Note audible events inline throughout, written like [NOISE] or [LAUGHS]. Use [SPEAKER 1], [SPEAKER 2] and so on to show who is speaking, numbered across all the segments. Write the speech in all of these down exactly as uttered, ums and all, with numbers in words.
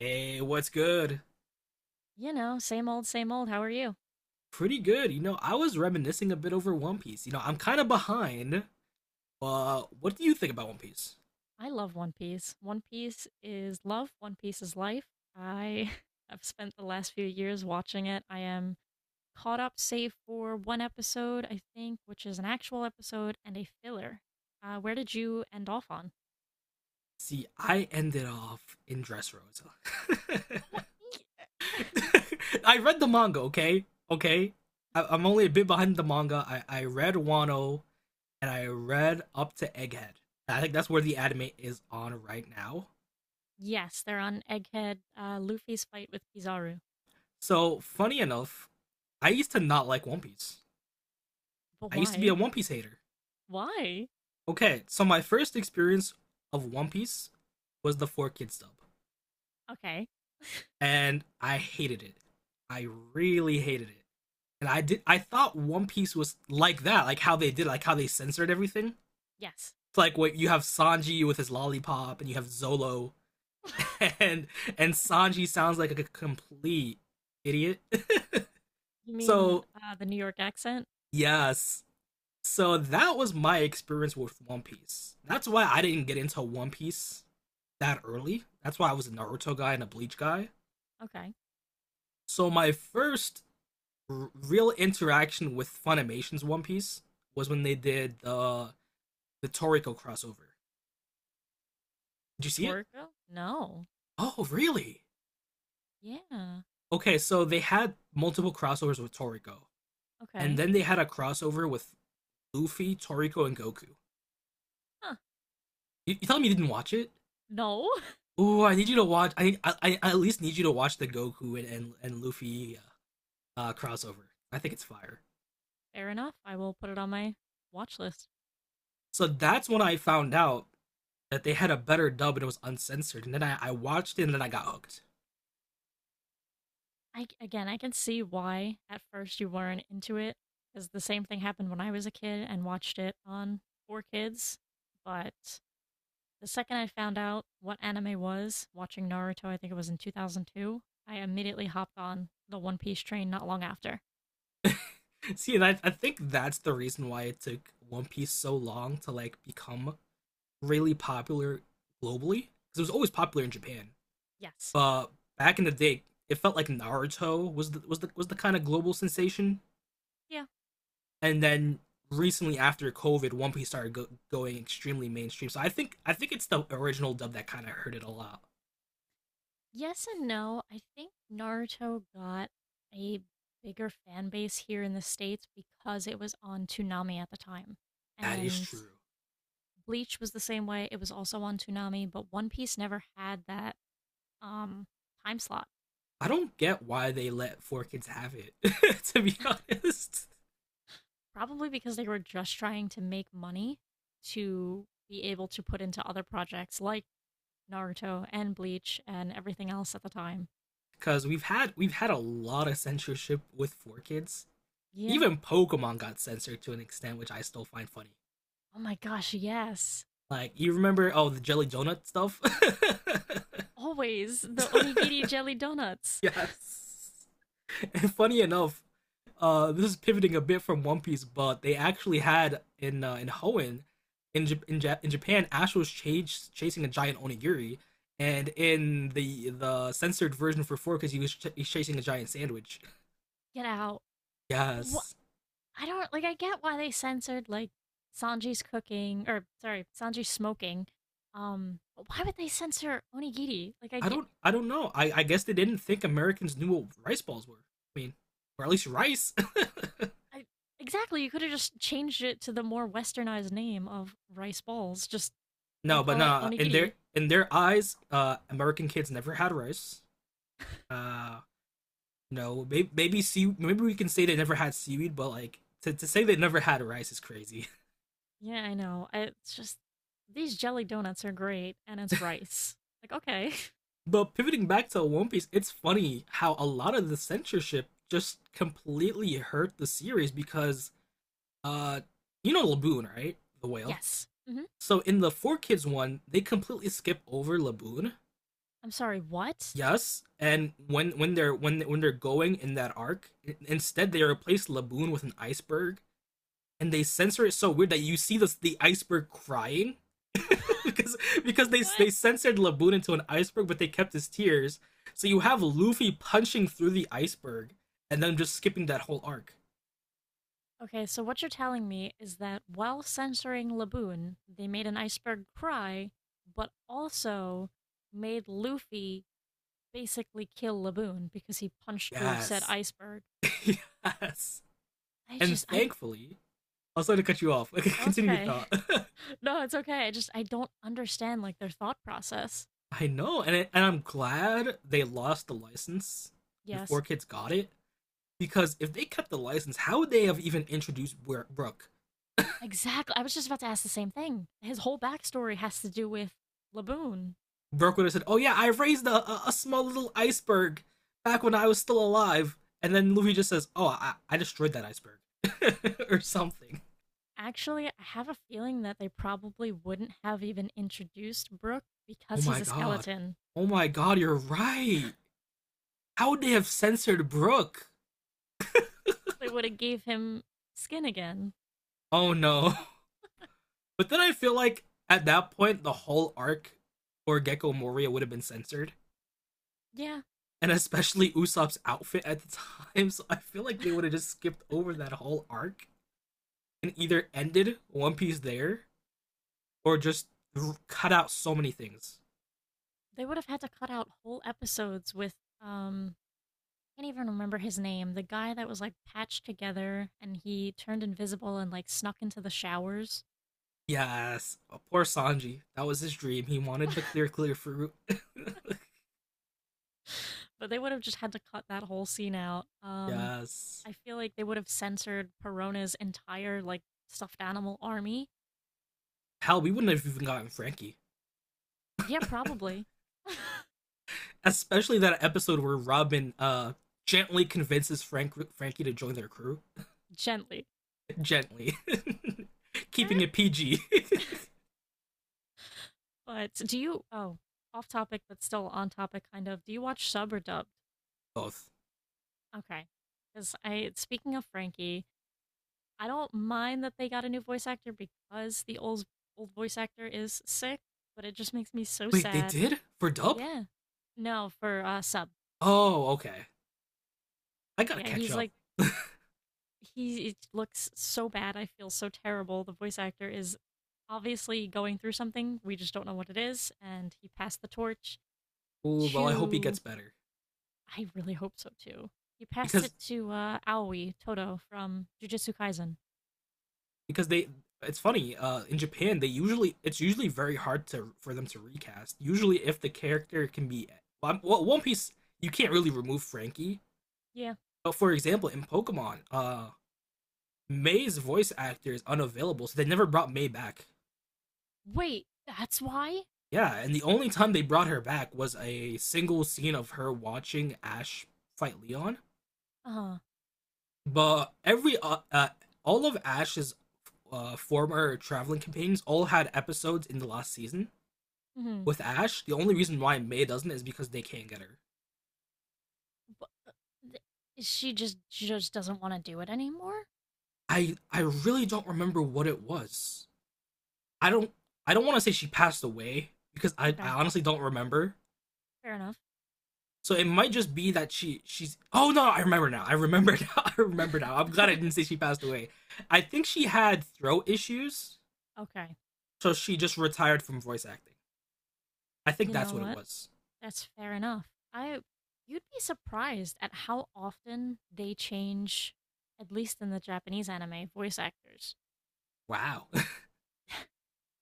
[SPEAKER 1] Hey, what's good?
[SPEAKER 2] You know, same old, same old. How are you?
[SPEAKER 1] Pretty good. You know, I was reminiscing a bit over One Piece. You know, I'm kind of behind. But what do you think about One Piece?
[SPEAKER 2] I love One Piece. One Piece is love. One Piece is life. I [LAUGHS] have spent the last few years watching it. I am caught up, save for one episode, I think, which is an actual episode and a filler. Uh, where did you end off on?
[SPEAKER 1] See, I ended off in Dressrosa.
[SPEAKER 2] What? [LAUGHS]
[SPEAKER 1] [LAUGHS] I read the manga, okay? Okay? I- I'm only a bit behind the manga. I, I read Wano and I read up to Egghead. I think that's where the anime is on right now.
[SPEAKER 2] Yes, they're on Egghead, uh, Luffy's fight with Kizaru.
[SPEAKER 1] So, funny enough, I used to not like One Piece.
[SPEAKER 2] But
[SPEAKER 1] I used to be a
[SPEAKER 2] why?
[SPEAKER 1] One Piece hater.
[SPEAKER 2] Why?
[SPEAKER 1] Okay, so my first experience of One Piece was the four kids dub,
[SPEAKER 2] Okay.
[SPEAKER 1] and I hated it. I really hated it, and I did. I thought One Piece was like that, like how they did, like how they censored everything.
[SPEAKER 2] Yes.
[SPEAKER 1] It's like what you have Sanji with his lollipop, and you have Zolo, [LAUGHS]
[SPEAKER 2] [LAUGHS]
[SPEAKER 1] and and Sanji sounds like a complete idiot.
[SPEAKER 2] You
[SPEAKER 1] [LAUGHS]
[SPEAKER 2] mean
[SPEAKER 1] So
[SPEAKER 2] uh, the New York accent?
[SPEAKER 1] yes, so that was my experience with One Piece. That's why I didn't get into One Piece that early. That's why I was a Naruto guy and a Bleach guy.
[SPEAKER 2] Okay.
[SPEAKER 1] So my first r- real interaction with Funimation's One Piece was when they did the the Toriko crossover. Did you
[SPEAKER 2] The
[SPEAKER 1] see it?
[SPEAKER 2] Toriko? No.
[SPEAKER 1] Oh, really?
[SPEAKER 2] Yeah.
[SPEAKER 1] Okay, so they had multiple crossovers with Toriko, and
[SPEAKER 2] Okay.
[SPEAKER 1] then they had a crossover with Luffy, Toriko, and Goku.
[SPEAKER 2] Huh.
[SPEAKER 1] You, you tell me you didn't watch it?
[SPEAKER 2] No.
[SPEAKER 1] Ooh, I need you to watch. I I, I at least need you to watch the Goku and and, and Luffy uh, crossover. I think it's fire.
[SPEAKER 2] [LAUGHS] Fair enough. I will put it on my watch list.
[SPEAKER 1] So that's when I found out that they had a better dub and it was uncensored. And then I, I watched it and then I got hooked.
[SPEAKER 2] I Again, I can see why at first you weren't into it because the same thing happened when I was a kid and watched it on Four Kids. But the second I found out what anime was, watching Naruto, I think it was in two thousand two, I immediately hopped on the One Piece train not long after.
[SPEAKER 1] [LAUGHS] See, and I, I think that's the reason why it took One Piece so long to like become really popular globally. Because it was always popular in Japan,
[SPEAKER 2] Yes.
[SPEAKER 1] but back in the day, it felt like Naruto was the was the was the kind of global sensation,
[SPEAKER 2] Yeah.
[SPEAKER 1] and then recently after COVID, One Piece started go- going extremely mainstream. So I think I think it's the original dub that kind of hurt it a lot.
[SPEAKER 2] Yes and no. I think Naruto got a bigger fan base here in the States because it was on Toonami at the time.
[SPEAKER 1] That is
[SPEAKER 2] And
[SPEAKER 1] true.
[SPEAKER 2] Bleach was the same way. It was also on Toonami, but One Piece never had that um time slot.
[SPEAKER 1] I don't get why they let four kids have it. [LAUGHS] To be honest,
[SPEAKER 2] Probably because they were just trying to make money to be able to put into other projects like Naruto and Bleach and everything else at the time.
[SPEAKER 1] because we've had we've had a lot of censorship with four kids.
[SPEAKER 2] Yeah.
[SPEAKER 1] Even Pokemon got censored to an extent, which I still find funny.
[SPEAKER 2] Oh my gosh, yes.
[SPEAKER 1] Like you remember, oh, the jelly donut stuff.
[SPEAKER 2] Always the onigiri jelly
[SPEAKER 1] [LAUGHS]
[SPEAKER 2] donuts.
[SPEAKER 1] Yes. [LAUGHS] And funny enough, uh, this is pivoting a bit from One Piece, but they actually had in uh, in Hoenn, in J- in, ja- in Japan, Ash was chas- chasing a giant onigiri, and in the the censored version for four, because he was ch- he's chasing a giant sandwich.
[SPEAKER 2] Get out. But
[SPEAKER 1] Yes,
[SPEAKER 2] I don't like. I get why they censored like Sanji's cooking, or sorry, Sanji's smoking. Um, but why would they censor onigiri? Like, I
[SPEAKER 1] I
[SPEAKER 2] get.
[SPEAKER 1] don't I don't know. I I guess they didn't think Americans knew what rice balls were. I mean, or at least rice.
[SPEAKER 2] I Exactly. You could have just changed it to the more westernized name of rice balls. Just
[SPEAKER 1] [LAUGHS] No,
[SPEAKER 2] don't
[SPEAKER 1] but
[SPEAKER 2] call it
[SPEAKER 1] nah. In
[SPEAKER 2] onigiri.
[SPEAKER 1] their in their eyes, uh, American kids never had rice. Uh, No, maybe maybe sea, maybe we can say they never had seaweed, but like to, to say they never had rice is crazy. [LAUGHS]
[SPEAKER 2] Yeah, I know. I, it's just these jelly donuts are great, and it's rice. Like, okay,
[SPEAKER 1] But pivoting back to One Piece, it's funny how a lot of the censorship just completely hurt the series because uh you know Laboon, right? The
[SPEAKER 2] [LAUGHS]
[SPEAKER 1] whale.
[SPEAKER 2] yes. Hmm.
[SPEAKER 1] So in the Four Kids one, they completely skip over Laboon.
[SPEAKER 2] I'm sorry. What?
[SPEAKER 1] Yes, and when when they're when when they're going in that arc, instead they replace Laboon with an iceberg and they censor it so weird that you see the the iceberg crying [LAUGHS]
[SPEAKER 2] [LAUGHS]
[SPEAKER 1] because because they
[SPEAKER 2] What?
[SPEAKER 1] they censored Laboon into an iceberg, but they kept his tears. So you have Luffy punching through the iceberg and then just skipping that whole arc.
[SPEAKER 2] Okay, so what you're telling me is that while censoring Laboon, they made an iceberg cry, but also made Luffy basically kill Laboon because he punched through said
[SPEAKER 1] Yes,
[SPEAKER 2] iceberg.
[SPEAKER 1] [LAUGHS] yes.
[SPEAKER 2] I
[SPEAKER 1] And
[SPEAKER 2] just, I,
[SPEAKER 1] thankfully, I was sorry to cut you off. [LAUGHS] Okay,
[SPEAKER 2] no, it's
[SPEAKER 1] continue your
[SPEAKER 2] okay.
[SPEAKER 1] thought. [LAUGHS]
[SPEAKER 2] [LAUGHS] No, it's okay. I just, I don't understand like their thought process.
[SPEAKER 1] I know, and it, and I'm glad they lost the license and Four
[SPEAKER 2] Yes,
[SPEAKER 1] Kids got it because if they kept the license, how would they have even introduced Bro- Brooke?
[SPEAKER 2] exactly. I was just about to ask the same thing. His whole backstory has to do with Laboon.
[SPEAKER 1] Burke would have said, "Oh yeah, I raised a, a, small little iceberg back when I was still alive," and then Luffy just says, "Oh, I, I destroyed that iceberg," [LAUGHS] or something.
[SPEAKER 2] Actually, I have a feeling that they probably wouldn't have even introduced Brook
[SPEAKER 1] Oh
[SPEAKER 2] because he's
[SPEAKER 1] my
[SPEAKER 2] a
[SPEAKER 1] god.
[SPEAKER 2] skeleton.
[SPEAKER 1] Oh my god, you're right. How would they have censored Brook?
[SPEAKER 2] They would have gave him skin again.
[SPEAKER 1] Oh no. [LAUGHS] But then I feel like at that point the whole arc for Gecko Moria would have been censored.
[SPEAKER 2] Yeah,
[SPEAKER 1] And especially Usopp's outfit at the time, [LAUGHS] so I feel like they would have just skipped over that whole arc and either ended One Piece there or just cut out so many things.
[SPEAKER 2] they would have had to cut out whole episodes with, um I can't even remember his name. The guy that was like patched together and he turned invisible and like snuck into the showers.
[SPEAKER 1] Yes, oh, poor Sanji. That was his dream. He wanted the clear, clear fruit. [LAUGHS]
[SPEAKER 2] [LAUGHS] But they would have just had to cut that whole scene out. Um
[SPEAKER 1] Yes.
[SPEAKER 2] I feel like they would have censored Perona's entire like stuffed animal army.
[SPEAKER 1] Hell, we wouldn't have even gotten Frankie,
[SPEAKER 2] Yeah, probably. [LAUGHS]
[SPEAKER 1] especially that episode where Robin uh gently convinces Frank Frankie to join their crew.
[SPEAKER 2] Gently.
[SPEAKER 1] [LAUGHS] Gently, [LAUGHS] keeping it P G. [LAUGHS]
[SPEAKER 2] [LAUGHS] But do you oh, off topic but still on topic kind of. Do you watch sub or dub?
[SPEAKER 1] Both.
[SPEAKER 2] Okay. Because I, speaking of Frankie, I don't mind that they got a new voice actor because the old old voice actor is sick, but it just makes me so
[SPEAKER 1] Wait, they
[SPEAKER 2] sad.
[SPEAKER 1] did for Dub?
[SPEAKER 2] Yeah. No, for uh sub.
[SPEAKER 1] Oh, okay. I gotta
[SPEAKER 2] Yeah,
[SPEAKER 1] catch
[SPEAKER 2] he's
[SPEAKER 1] up.
[SPEAKER 2] like
[SPEAKER 1] [LAUGHS]
[SPEAKER 2] he it looks so bad. I feel so terrible. The voice actor is obviously going through something. We just don't know what it is, and he passed the torch
[SPEAKER 1] Ooh, well, I hope he gets
[SPEAKER 2] to—
[SPEAKER 1] better
[SPEAKER 2] I really hope so too. He passed it
[SPEAKER 1] because
[SPEAKER 2] to uh Aoi Toto from Jujutsu Kaisen.
[SPEAKER 1] because they it's funny uh in japan they usually it's usually very hard to for them to recast usually if the character can be well, well, one piece you can't really remove frankie
[SPEAKER 2] Yeah.
[SPEAKER 1] but for example in pokemon uh may's voice actor is unavailable so they never brought may back
[SPEAKER 2] Wait, that's why?
[SPEAKER 1] yeah and the only time they brought her back was a single scene of her watching ash fight leon
[SPEAKER 2] Uh-huh.
[SPEAKER 1] but every uh, uh all of ash's uh former traveling companions all had episodes in the last season
[SPEAKER 2] Mhm.
[SPEAKER 1] with Ash, the only reason why Mei doesn't is because they can't get her.
[SPEAKER 2] Bu th she just she just doesn't wanna do it anymore?
[SPEAKER 1] I I really don't remember what it was. I don't I don't want to say she passed away because I, I
[SPEAKER 2] Okay,
[SPEAKER 1] honestly don't remember.
[SPEAKER 2] fair enough.
[SPEAKER 1] So it might just be that she she's oh no, I remember now. I remember [LAUGHS] now. I remember now. I'm glad I
[SPEAKER 2] [LAUGHS]
[SPEAKER 1] didn't say she passed away. I think she had throat issues,
[SPEAKER 2] Okay,
[SPEAKER 1] so she just retired from voice acting. I think
[SPEAKER 2] you
[SPEAKER 1] that's
[SPEAKER 2] know
[SPEAKER 1] what it
[SPEAKER 2] what?
[SPEAKER 1] was.
[SPEAKER 2] That's fair enough. I You'd be surprised at how often they change, at least in the Japanese anime, voice actors.
[SPEAKER 1] Wow.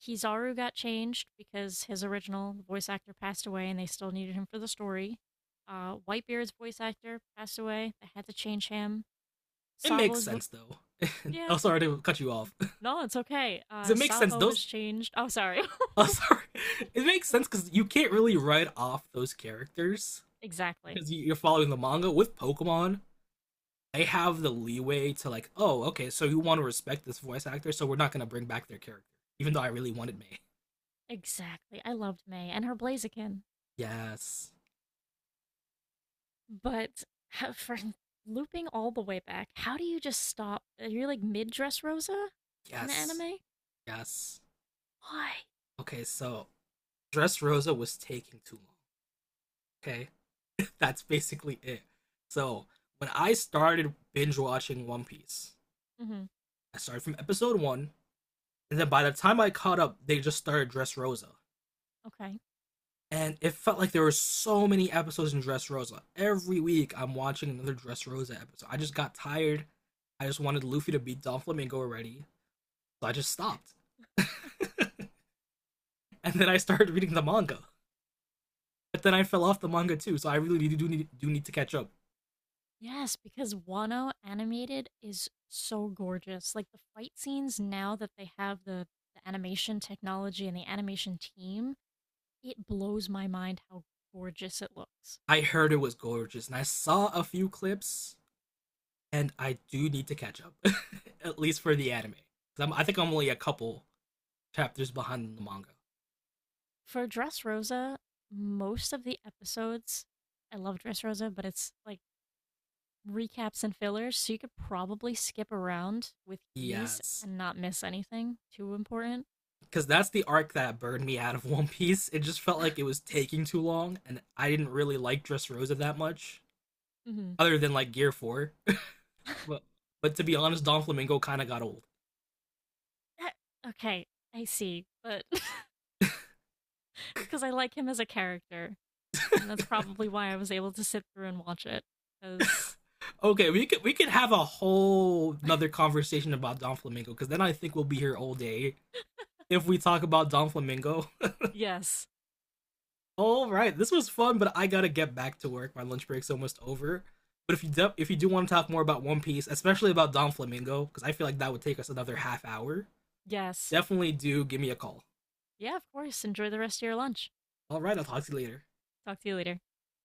[SPEAKER 2] Kizaru got changed because his original voice actor passed away and they still needed him for the story. Uh, Whitebeard's voice actor passed away. They had to change him.
[SPEAKER 1] [LAUGHS] It makes
[SPEAKER 2] Sabo's vo
[SPEAKER 1] sense though. [LAUGHS]
[SPEAKER 2] Yeah.
[SPEAKER 1] Oh sorry to cut you off. [LAUGHS]
[SPEAKER 2] No, it's okay. Uh,
[SPEAKER 1] It makes sense
[SPEAKER 2] Sabo
[SPEAKER 1] those
[SPEAKER 2] was changed. Oh, sorry.
[SPEAKER 1] [LAUGHS] oh, sorry. It makes sense because you can't really write off those characters
[SPEAKER 2] [LAUGHS] Exactly.
[SPEAKER 1] because you- are following the manga. With Pokemon, they have the leeway to like, oh, okay, so you want to respect this voice actor, so we're not gonna bring back their character, even though I really wanted May. [LAUGHS]
[SPEAKER 2] Exactly. I loved May and her Blaziken.
[SPEAKER 1] Yes,
[SPEAKER 2] But how, for looping all the way back, how do you just stop? You are like mid Dress Rosa in the
[SPEAKER 1] yes,
[SPEAKER 2] anime?
[SPEAKER 1] yes.
[SPEAKER 2] Why?
[SPEAKER 1] Okay, so Dress Rosa was taking too long. Okay, [LAUGHS] that's basically it. So when I started binge watching One Piece,
[SPEAKER 2] Hmm.
[SPEAKER 1] I started from episode one, and then by the time I caught up, they just started Dress Rosa,
[SPEAKER 2] Okay.
[SPEAKER 1] and it felt like there were so many episodes in Dressrosa. Every week, I'm watching another Dressrosa episode. I just got tired. I just wanted Luffy to beat Don Flamingo already, so I just stopped. [LAUGHS] And then I started reading the manga, but then I fell off the manga too. So I really do need do need to catch up.
[SPEAKER 2] Yes, because Wano animated is so gorgeous. Like the fight scenes now that they have the, the animation technology and the animation team, it blows my mind how gorgeous it looks.
[SPEAKER 1] I heard it was gorgeous, and I saw a few clips, and I do need to catch up, [LAUGHS] at least for the anime. 'Cause I'm, I think I'm only a couple chapters behind the manga.
[SPEAKER 2] For Dressrosa, most of the episodes, I love Dressrosa, but it's like recaps and fillers, so you could probably skip around with ease
[SPEAKER 1] Yes,
[SPEAKER 2] and not miss anything too important.
[SPEAKER 1] because that's the arc that burned me out of [LAUGHS] One Piece. It just felt
[SPEAKER 2] [LAUGHS]
[SPEAKER 1] like it was taking too long, and I didn't really like Dressrosa that much,
[SPEAKER 2] Hmm.
[SPEAKER 1] other than like Gear Four. [LAUGHS]
[SPEAKER 2] [LAUGHS]
[SPEAKER 1] but but to be honest, Don Flamingo kind of got old.
[SPEAKER 2] Okay, I see, but [LAUGHS] it's because I like him as a character, and that's probably why I was able to sit through and watch it. Because,
[SPEAKER 1] Okay, we could we could have a whole another conversation about Don Flamingo because then I think we'll be here all day if we talk about Don Flamingo.
[SPEAKER 2] yes,
[SPEAKER 1] [LAUGHS] All right, this was fun, but I gotta get back to work. My lunch break's almost over. But if you do, if you do want to talk more about One Piece, especially about Don Flamingo, because I feel like that would take us another half hour,
[SPEAKER 2] yes,
[SPEAKER 1] definitely do give me a call.
[SPEAKER 2] yeah, of course, enjoy the rest of your lunch.
[SPEAKER 1] All right, I'll talk to you later.
[SPEAKER 2] Talk to you later.